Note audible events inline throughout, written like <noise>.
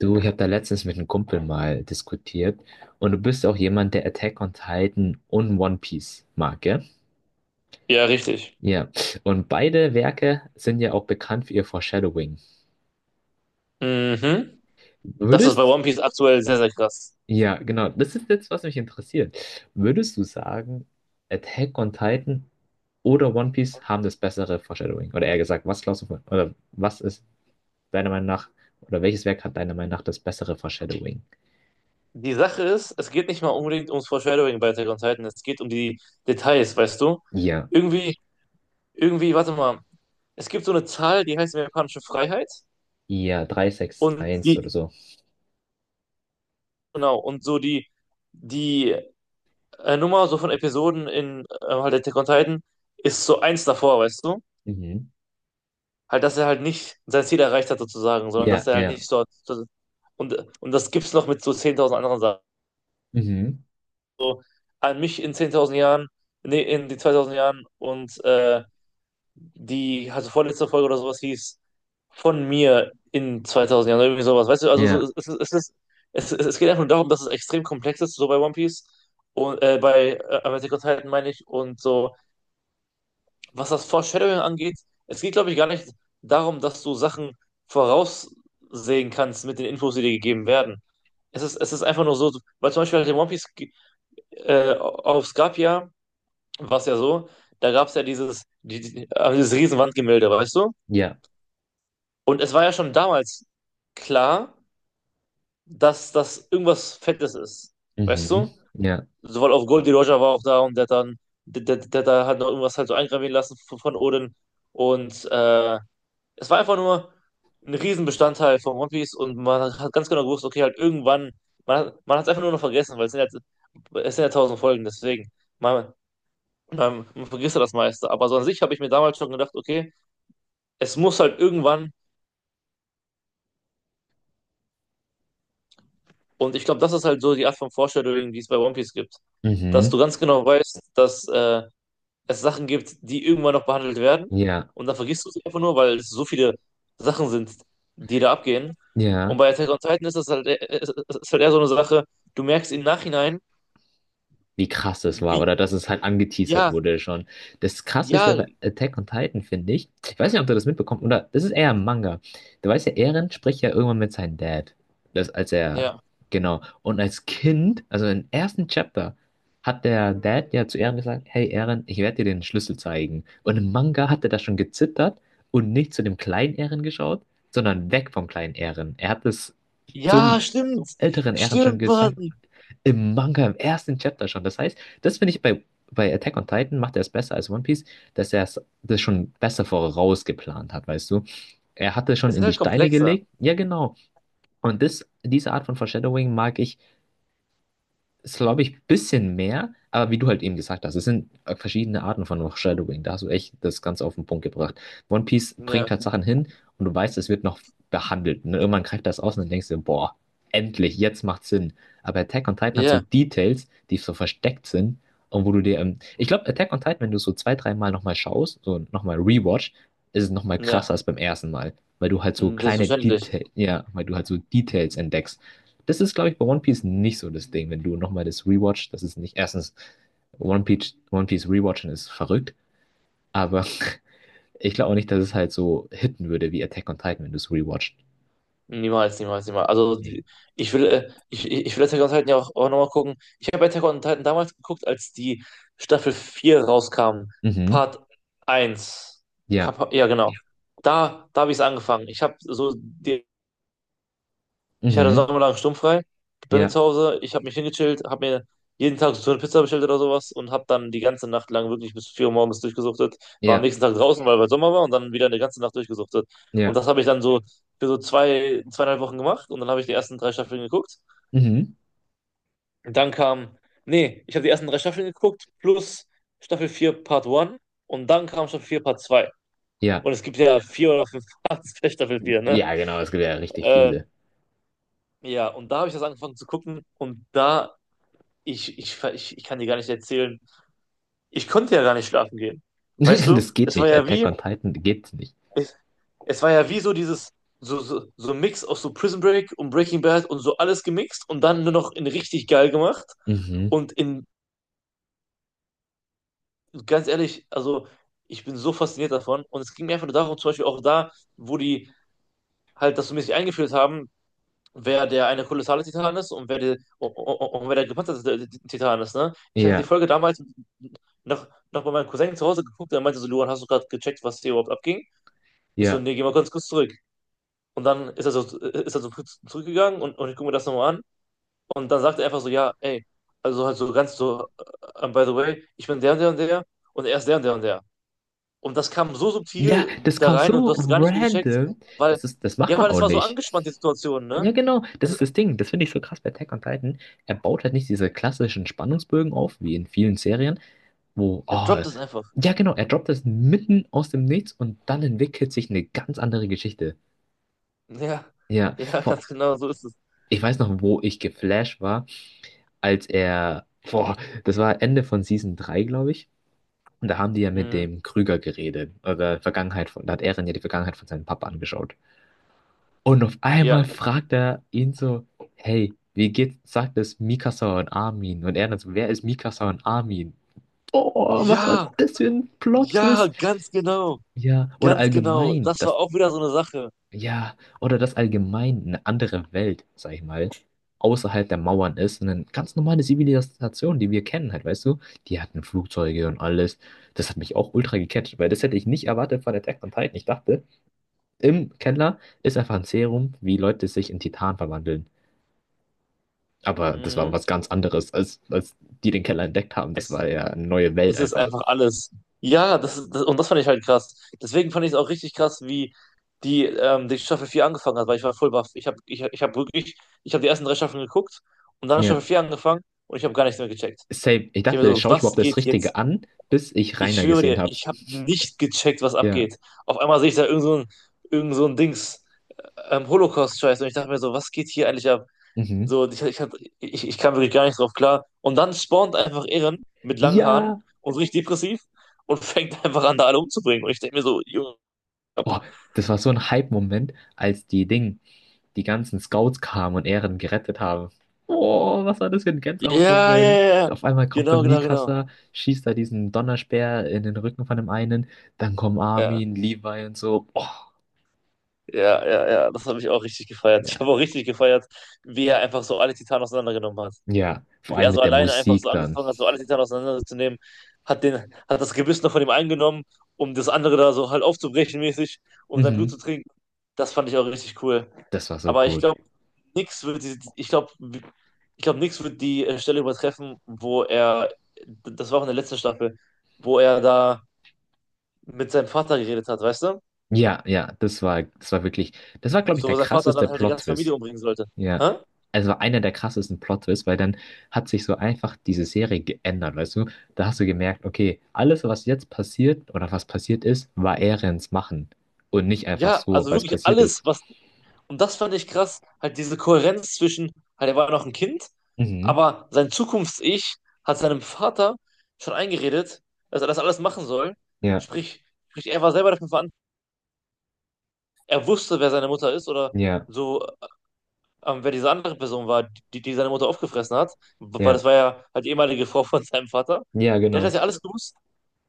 Du, ich habe da letztens mit einem Kumpel mal diskutiert und du bist auch jemand, der Attack on Titan und One Piece mag, gell? Ja, richtig. Ja. Und beide Werke sind ja auch bekannt für ihr Foreshadowing. Mhm. Das ist bei Würdest, One Piece aktuell sehr, sehr krass. ja, genau, das ist jetzt, was mich interessiert. Würdest du sagen, Attack on Titan oder One Piece haben das bessere Foreshadowing? Oder eher gesagt, was glaubst du von, oder was ist deiner Meinung nach, oder welches Werk hat deiner Meinung nach das bessere Foreshadowing? Die Sache ist, es geht nicht mal unbedingt ums Foreshadowing bei Attack on Titan, es geht um die Details, weißt du? Ja. Irgendwie, irgendwie, warte mal, es gibt so eine Zahl, die heißt japanische Freiheit, Ja, und 361 oder so. genau, und so die Nummer so von Episoden in halt Attack on Titan ist so eins davor, weißt du? Mhm. Halt, dass er halt nicht sein Ziel erreicht hat sozusagen, sondern dass Ja, er halt ja. nicht so, und das gibt's noch mit so 10.000 anderen Sachen. Mhm. So an mich in 10.000 Jahren, nee, in die 2000 Jahren und also vorletzte Folge oder sowas hieß, von mir in 2000 Jahren, oder irgendwie sowas. Weißt du, also so, Ja, es, ist- es, ist, es geht einfach nur darum, dass es extrem komplex ist, so bei One Piece und bei Attack on Titan meine ich, und so, was das Foreshadowing angeht, es geht, glaube ich, gar nicht darum, dass du Sachen voraussehen kannst mit den Infos, die dir gegeben werden. Es ist einfach nur so, weil zum Beispiel halt in One Piece auf Skapia war es ja so, da gab es ja dieses Riesenwandgemälde, weißt du? ja. Und es war ja schon damals klar, dass das irgendwas Fettes ist, weißt Mhm. du? Ja. Sowohl auf Goldie Roger war auch da, und der hat dann, der, der, der, der hat noch irgendwas halt so eingravieren lassen von, Odin. Und es war einfach nur ein Riesenbestandteil von One Piece, und man hat ganz genau gewusst, okay, halt irgendwann, man hat es einfach nur noch vergessen, weil es sind ja tausend Folgen, deswegen. Man, Und dann vergisst du das meiste. Aber so an sich habe ich mir damals schon gedacht, okay, es muss halt irgendwann, und ich glaube, das ist halt so die Art von Foreshadowing, die es bei One Piece gibt, dass du Mhm. ganz genau weißt, dass es Sachen gibt, die irgendwann noch behandelt werden. Ja, Und dann vergisst du sie einfach nur, weil es so viele Sachen sind, die da abgehen. Und ja, bei Attack on Titan ist das halt, ist halt eher so eine Sache, du merkst im Nachhinein, wie krass das war wie, oder dass es halt angeteasert ja, wurde schon. Das Krasseste ja, bei Attack on Titan, finde ich, ich weiß nicht, ob du das mitbekommst, oder das ist eher ein Manga. Du weißt ja, Eren spricht ja irgendwann mit seinem Dad. Das, als er, ja, genau. Und als Kind, also im ersten Chapter, hat der Dad ja zu Eren gesagt, hey Eren, ich werde dir den Schlüssel zeigen. Und im Manga hat er da schon gezittert und nicht zu dem kleinen Eren geschaut, sondern weg vom kleinen Eren. Er hat es ja, zum stimmt, älteren Eren schon stimmt, Mann. gesagt, im Manga, im ersten Chapter schon. Das heißt, das finde ich bei Attack on Titan, macht er es besser als One Piece, dass er das schon besser vorausgeplant hat, weißt du? Er hatte schon Es ist in die halt Steine komplexer. gelegt. Ja, genau. Und das, diese Art von Foreshadowing mag ich, ist, glaube ich, ein bisschen mehr, aber wie du halt eben gesagt hast, es sind verschiedene Arten von Foreshadowing. Da hast du echt das Ganze auf den Punkt gebracht. One Piece bringt Ja, halt Sachen hin und du weißt, es wird noch behandelt. Und irgendwann greift das aus und dann denkst du, boah, endlich, jetzt macht Sinn. Aber Attack on Titan hat so ja, Details, die so versteckt sind, und wo du dir, ich glaube, Attack on Titan, wenn du so zwei, dreimal nochmal schaust, so nochmal rewatch, ist es nochmal ja. krasser als beim ersten Mal, weil du halt so kleine Selbstverständlich. Details, ja, weil du halt so Details entdeckst. Das ist, glaube ich, bei One Piece nicht so das Ding. Wenn du nochmal das Rewatch, das ist nicht, erstens, One Piece Rewatchen ist verrückt, aber <laughs> ich glaube auch nicht, dass es halt so hitten würde wie Attack on Titan, wenn du es rewatcht. Niemals, niemals, niemals. Also Nee. Ich will Attack on Titan ja auch, nochmal gucken. Ich habe Attack on Titan damals geguckt, als die Staffel 4 rauskam. Mhm. Part 1 Ja. Ja, genau. Da habe ich es angefangen. Ich habe so die Ich hatte Mhm. sommerlang sturmfrei bei mir Ja. zu Hause. Ich habe mich hingechillt, habe mir jeden Tag so eine Pizza bestellt oder sowas und habe dann die ganze Nacht lang wirklich bis 4 Uhr morgens durchgesuchtet. War am Ja. nächsten Tag draußen, weil Sommer war, und dann wieder eine ganze Nacht durchgesuchtet. Und Ja. das habe ich dann so für so zwei, 2,5 Wochen gemacht, und dann habe ich die ersten drei Staffeln geguckt. Mhm. Und dann kam, nee, ich habe die ersten drei Staffeln geguckt plus Staffel 4 Part 1, und dann kam Staffel 4 Part 2. Und Ja. es gibt ja vier oder fünf Parts bei Staffel 4, ne? Ja, genau, es gibt ja richtig Äh, viele. ja, und da habe ich das angefangen zu gucken, und da ich kann dir gar nicht erzählen. Ich konnte ja gar nicht schlafen gehen. Weißt <laughs> du? Das geht Es war nicht. Bei ja Attack wie, on Titan geht's nicht. es, so dieses, so ein Mix aus so Prison Break und Breaking Bad und so alles gemixt und dann nur noch in richtig geil gemacht. Mhm. Und in, ganz ehrlich, also ich bin so fasziniert davon. Und es ging mir einfach nur darum, zum Beispiel auch da, wo die halt das so mäßig eingeführt haben, wer der eine kolossale Titan ist und wer, die, und wer der gepanzerte Titan ist, ne? Ich hatte die Ja. Folge damals noch bei meinem Cousin zu Hause geguckt, der meinte so, Luan, hast du gerade gecheckt, was hier überhaupt abging? Ich so, Ja. nee, geh mal ganz kurz zurück. Und dann ist er so zurückgegangen, und ich gucke mir das nochmal an. Und dann sagt er einfach so, ja, ey, also halt so ganz so, by the way, ich bin der und der und der, und er ist der und der und der. Und das kam so Ja, subtil das da kam rein, und du so hast es gar nicht gecheckt, random. weil, Das ist, das macht ja, man weil es auch war so nicht. angespannt, die Situation, ne? Ja, genau, das Es, ist das Ding. Das finde ich so krass bei Attack on Titan. Er baut halt nicht diese klassischen Spannungsbögen auf, wie in vielen Serien, wo, er oh, droppt es einfach. ja, genau, er droppt das mitten aus dem Nichts und dann entwickelt sich eine ganz andere Geschichte. Ja, Ja, <laughs> ja, ganz genau, so ist es. ich weiß noch, wo ich geflasht war, als er, boah, das war Ende von Season drei, glaube ich. Und da haben die ja mit Mhm. dem Krüger geredet, oder Vergangenheit von, da hat Eren ja die Vergangenheit von seinem Papa angeschaut. Und auf einmal Ja. fragt er ihn so, hey, wie geht's, sagt es Mikasa und Armin? Und er dann so, wer ist Mikasa und Armin? Oh, was hat Ja, das für ein ja, Plot-Twist? ganz genau. Ja, oder Ganz genau. allgemein, Das war das, auch wieder so eine Sache. ja, oder das allgemein eine andere Welt, sag ich mal, außerhalb der Mauern ist. Eine ganz normale Zivilisation, die wir kennen halt, weißt du? Die hatten Flugzeuge und alles. Das hat mich auch ultra gecatcht, weil das hätte ich nicht erwartet von Attack on Titan. Ich dachte, im Keller ist einfach ein Serum, wie Leute sich in Titan verwandeln. Aber das war Mhm. was ganz anderes, als die den Keller entdeckt haben. Das Es, ist- war ja eine neue Welt es ist einfach. einfach alles. Ja, das, ist- das, und das fand ich halt krass. Deswegen fand ich es auch richtig krass, wie die Staffel 4 angefangen hat, weil ich war voll baff. Ich habe ich, ich hab wirklich, ich habe die ersten drei Staffeln geguckt, und dann hat Ja. Staffel 4 angefangen, und ich habe gar nichts mehr gecheckt. Safe. Ich Ich habe mir dachte, so, schaue ich was überhaupt das geht jetzt? Richtige an, bis ich Ich Rainer schwöre gesehen dir, habe. ich habe nicht gecheckt, was Ja. abgeht. Auf einmal sehe ich da irgend so ein, Dings. Holocaust-Scheiß. Und ich dachte mir so, was geht hier eigentlich ab? Mhm. So, und ich kam wirklich gar nicht drauf klar. Und dann spawnt einfach Eren mit langen Haaren Ja! und so richtig depressiv und <laughs> fängt einfach an, da alle umzubringen. Und ich denke mir so, Junge, Boah, das war so ein Hype-Moment, als die Ding, die ganzen Scouts kamen und Eren gerettet haben. Oh, was war das für ein ja, ja, Gänsehautmoment? ja, ja. Auf einmal kommt der Genau, genau, genau. Mikasa, schießt da diesen Donnerspeer in den Rücken von dem einen, dann kommen Ja, Armin, Levi und so. Oh, ja, ja, ja. Das habe ich auch richtig gefeiert. Ich ja, habe auch richtig gefeiert, wie er einfach so alle Titanen auseinandergenommen hat, ja, vor wie allem er so mit der alleine einfach so Musik dann. angefangen hat, so alles hinterher auseinanderzunehmen, hat das Gebiss noch von ihm eingenommen, um das andere da so halt aufzubrechen mäßig, um sein Blut zu Mhm. trinken. Das fand ich auch richtig cool. Das war so Aber ich gut. glaube, nix wird die, ich glaube, nix wird die Stelle übertreffen, wo er, das war auch in der letzten Staffel, wo er da mit seinem Vater geredet hat, weißt du? Ja, ja, das war wirklich, das war, glaube ich, So, der wo sein Vater krasseste dann halt die ganze Plot-Twist. Familie umbringen sollte. Ja. Hä? Also war einer der krassesten Plot-Twists, weil dann hat sich so einfach diese Serie geändert, weißt du? Da hast du gemerkt, okay, alles, was jetzt passiert oder was passiert ist, war Erens Machen. Und nicht einfach Ja, so, also weil es wirklich passiert ist. alles, was Und das fand ich krass, halt diese Kohärenz zwischen, halt er war noch ein Kind, Mhm. aber sein Zukunfts-Ich hat seinem Vater schon eingeredet, dass er das alles machen soll. Ja, Sprich, sprich, er war selber dafür verantwortlich, er wusste, wer seine Mutter ist oder ja, so, wer diese andere Person war, die seine Mutter aufgefressen hat, weil das ja. war ja halt die ehemalige Frau von seinem Vater. Ja, Der hat das genau. ja alles gewusst,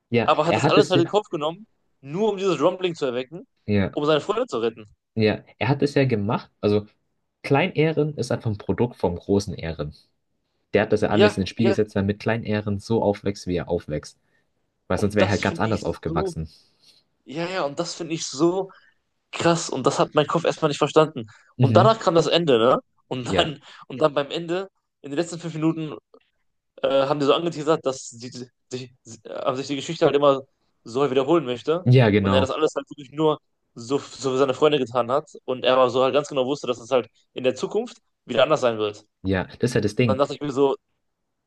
Ja, aber hat er das hat alles es halt ja. in den Kopf genommen, nur um dieses Rumbling zu erwecken, Ja. um seine Freunde zu retten. Ja, er hat es ja gemacht. Also klein ist einfach ein Produkt vom großen Ehren. Der hat das ja alles Ja, in den Spiel ja, gesetzt, damit Klein-Ehren so aufwächst, wie er aufwächst. Weil sonst und wäre er halt das ganz finde ich anders so aufgewachsen. Ja, ja, und das finde ich so krass. Und das hat mein Kopf erstmal nicht verstanden. Und Mhm. danach kam das Ende, ne? Und Ja. dann, und dann beim Ende, in den letzten 5 Minuten, haben die so angeteasert, dass sich die Geschichte halt immer so wiederholen möchte. Ja, Und er das genau. alles halt wirklich nur so, so für seine Freunde getan hat. Und er aber so halt ganz genau wusste, dass es halt in der Zukunft wieder anders sein wird. Ja, das ist halt das Dann Ding. dachte ich mir so,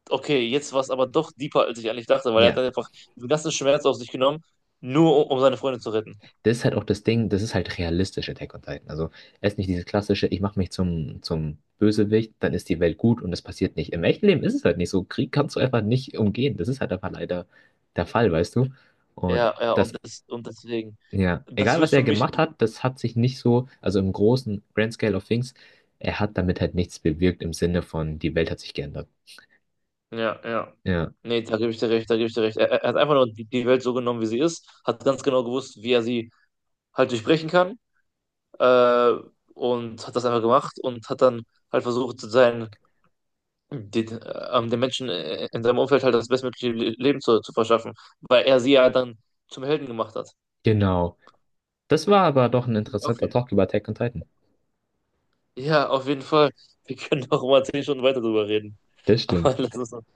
okay, jetzt war es aber doch deeper, als ich eigentlich dachte, weil er hat Ja, dann einfach den ganzen Schmerz auf sich genommen, nur um, seine Freunde zu retten. das ist halt auch das Ding, das ist halt realistisch, Attack on Titan. Also es ist nicht dieses klassische, ich mache mich zum Bösewicht, dann ist die Welt gut und es passiert nicht. Im echten Leben ist es halt nicht so. Krieg kannst du einfach nicht umgehen. Das ist halt einfach leider der Fall, weißt du? Und Ja, ja, das. und das, und deswegen, Ja, das egal was wirst er du mich. gemacht hat, das hat sich nicht so, also im großen Grand Scale of Things, er hat damit halt nichts bewirkt im Sinne von, die Welt hat sich geändert. Ja, ja. Ja, Nee, da gebe ich dir recht, da gebe ich dir recht. Er hat einfach nur die Welt so genommen, wie sie ist, hat ganz genau gewusst, wie er sie halt durchbrechen kann, äh, und hat das einfach gemacht und hat dann halt versucht, den Menschen in seinem Umfeld halt das bestmögliche Leben zu verschaffen, weil er sie ja dann zum Helden gemacht hat. genau. Das war aber doch ein Auch interessanter wieder. Talk über Attack on Titan. Ja, auf jeden Fall. Wir können noch mal 10 Stunden weiter drüber reden. Das Aber <laughs> stimmt. lass uns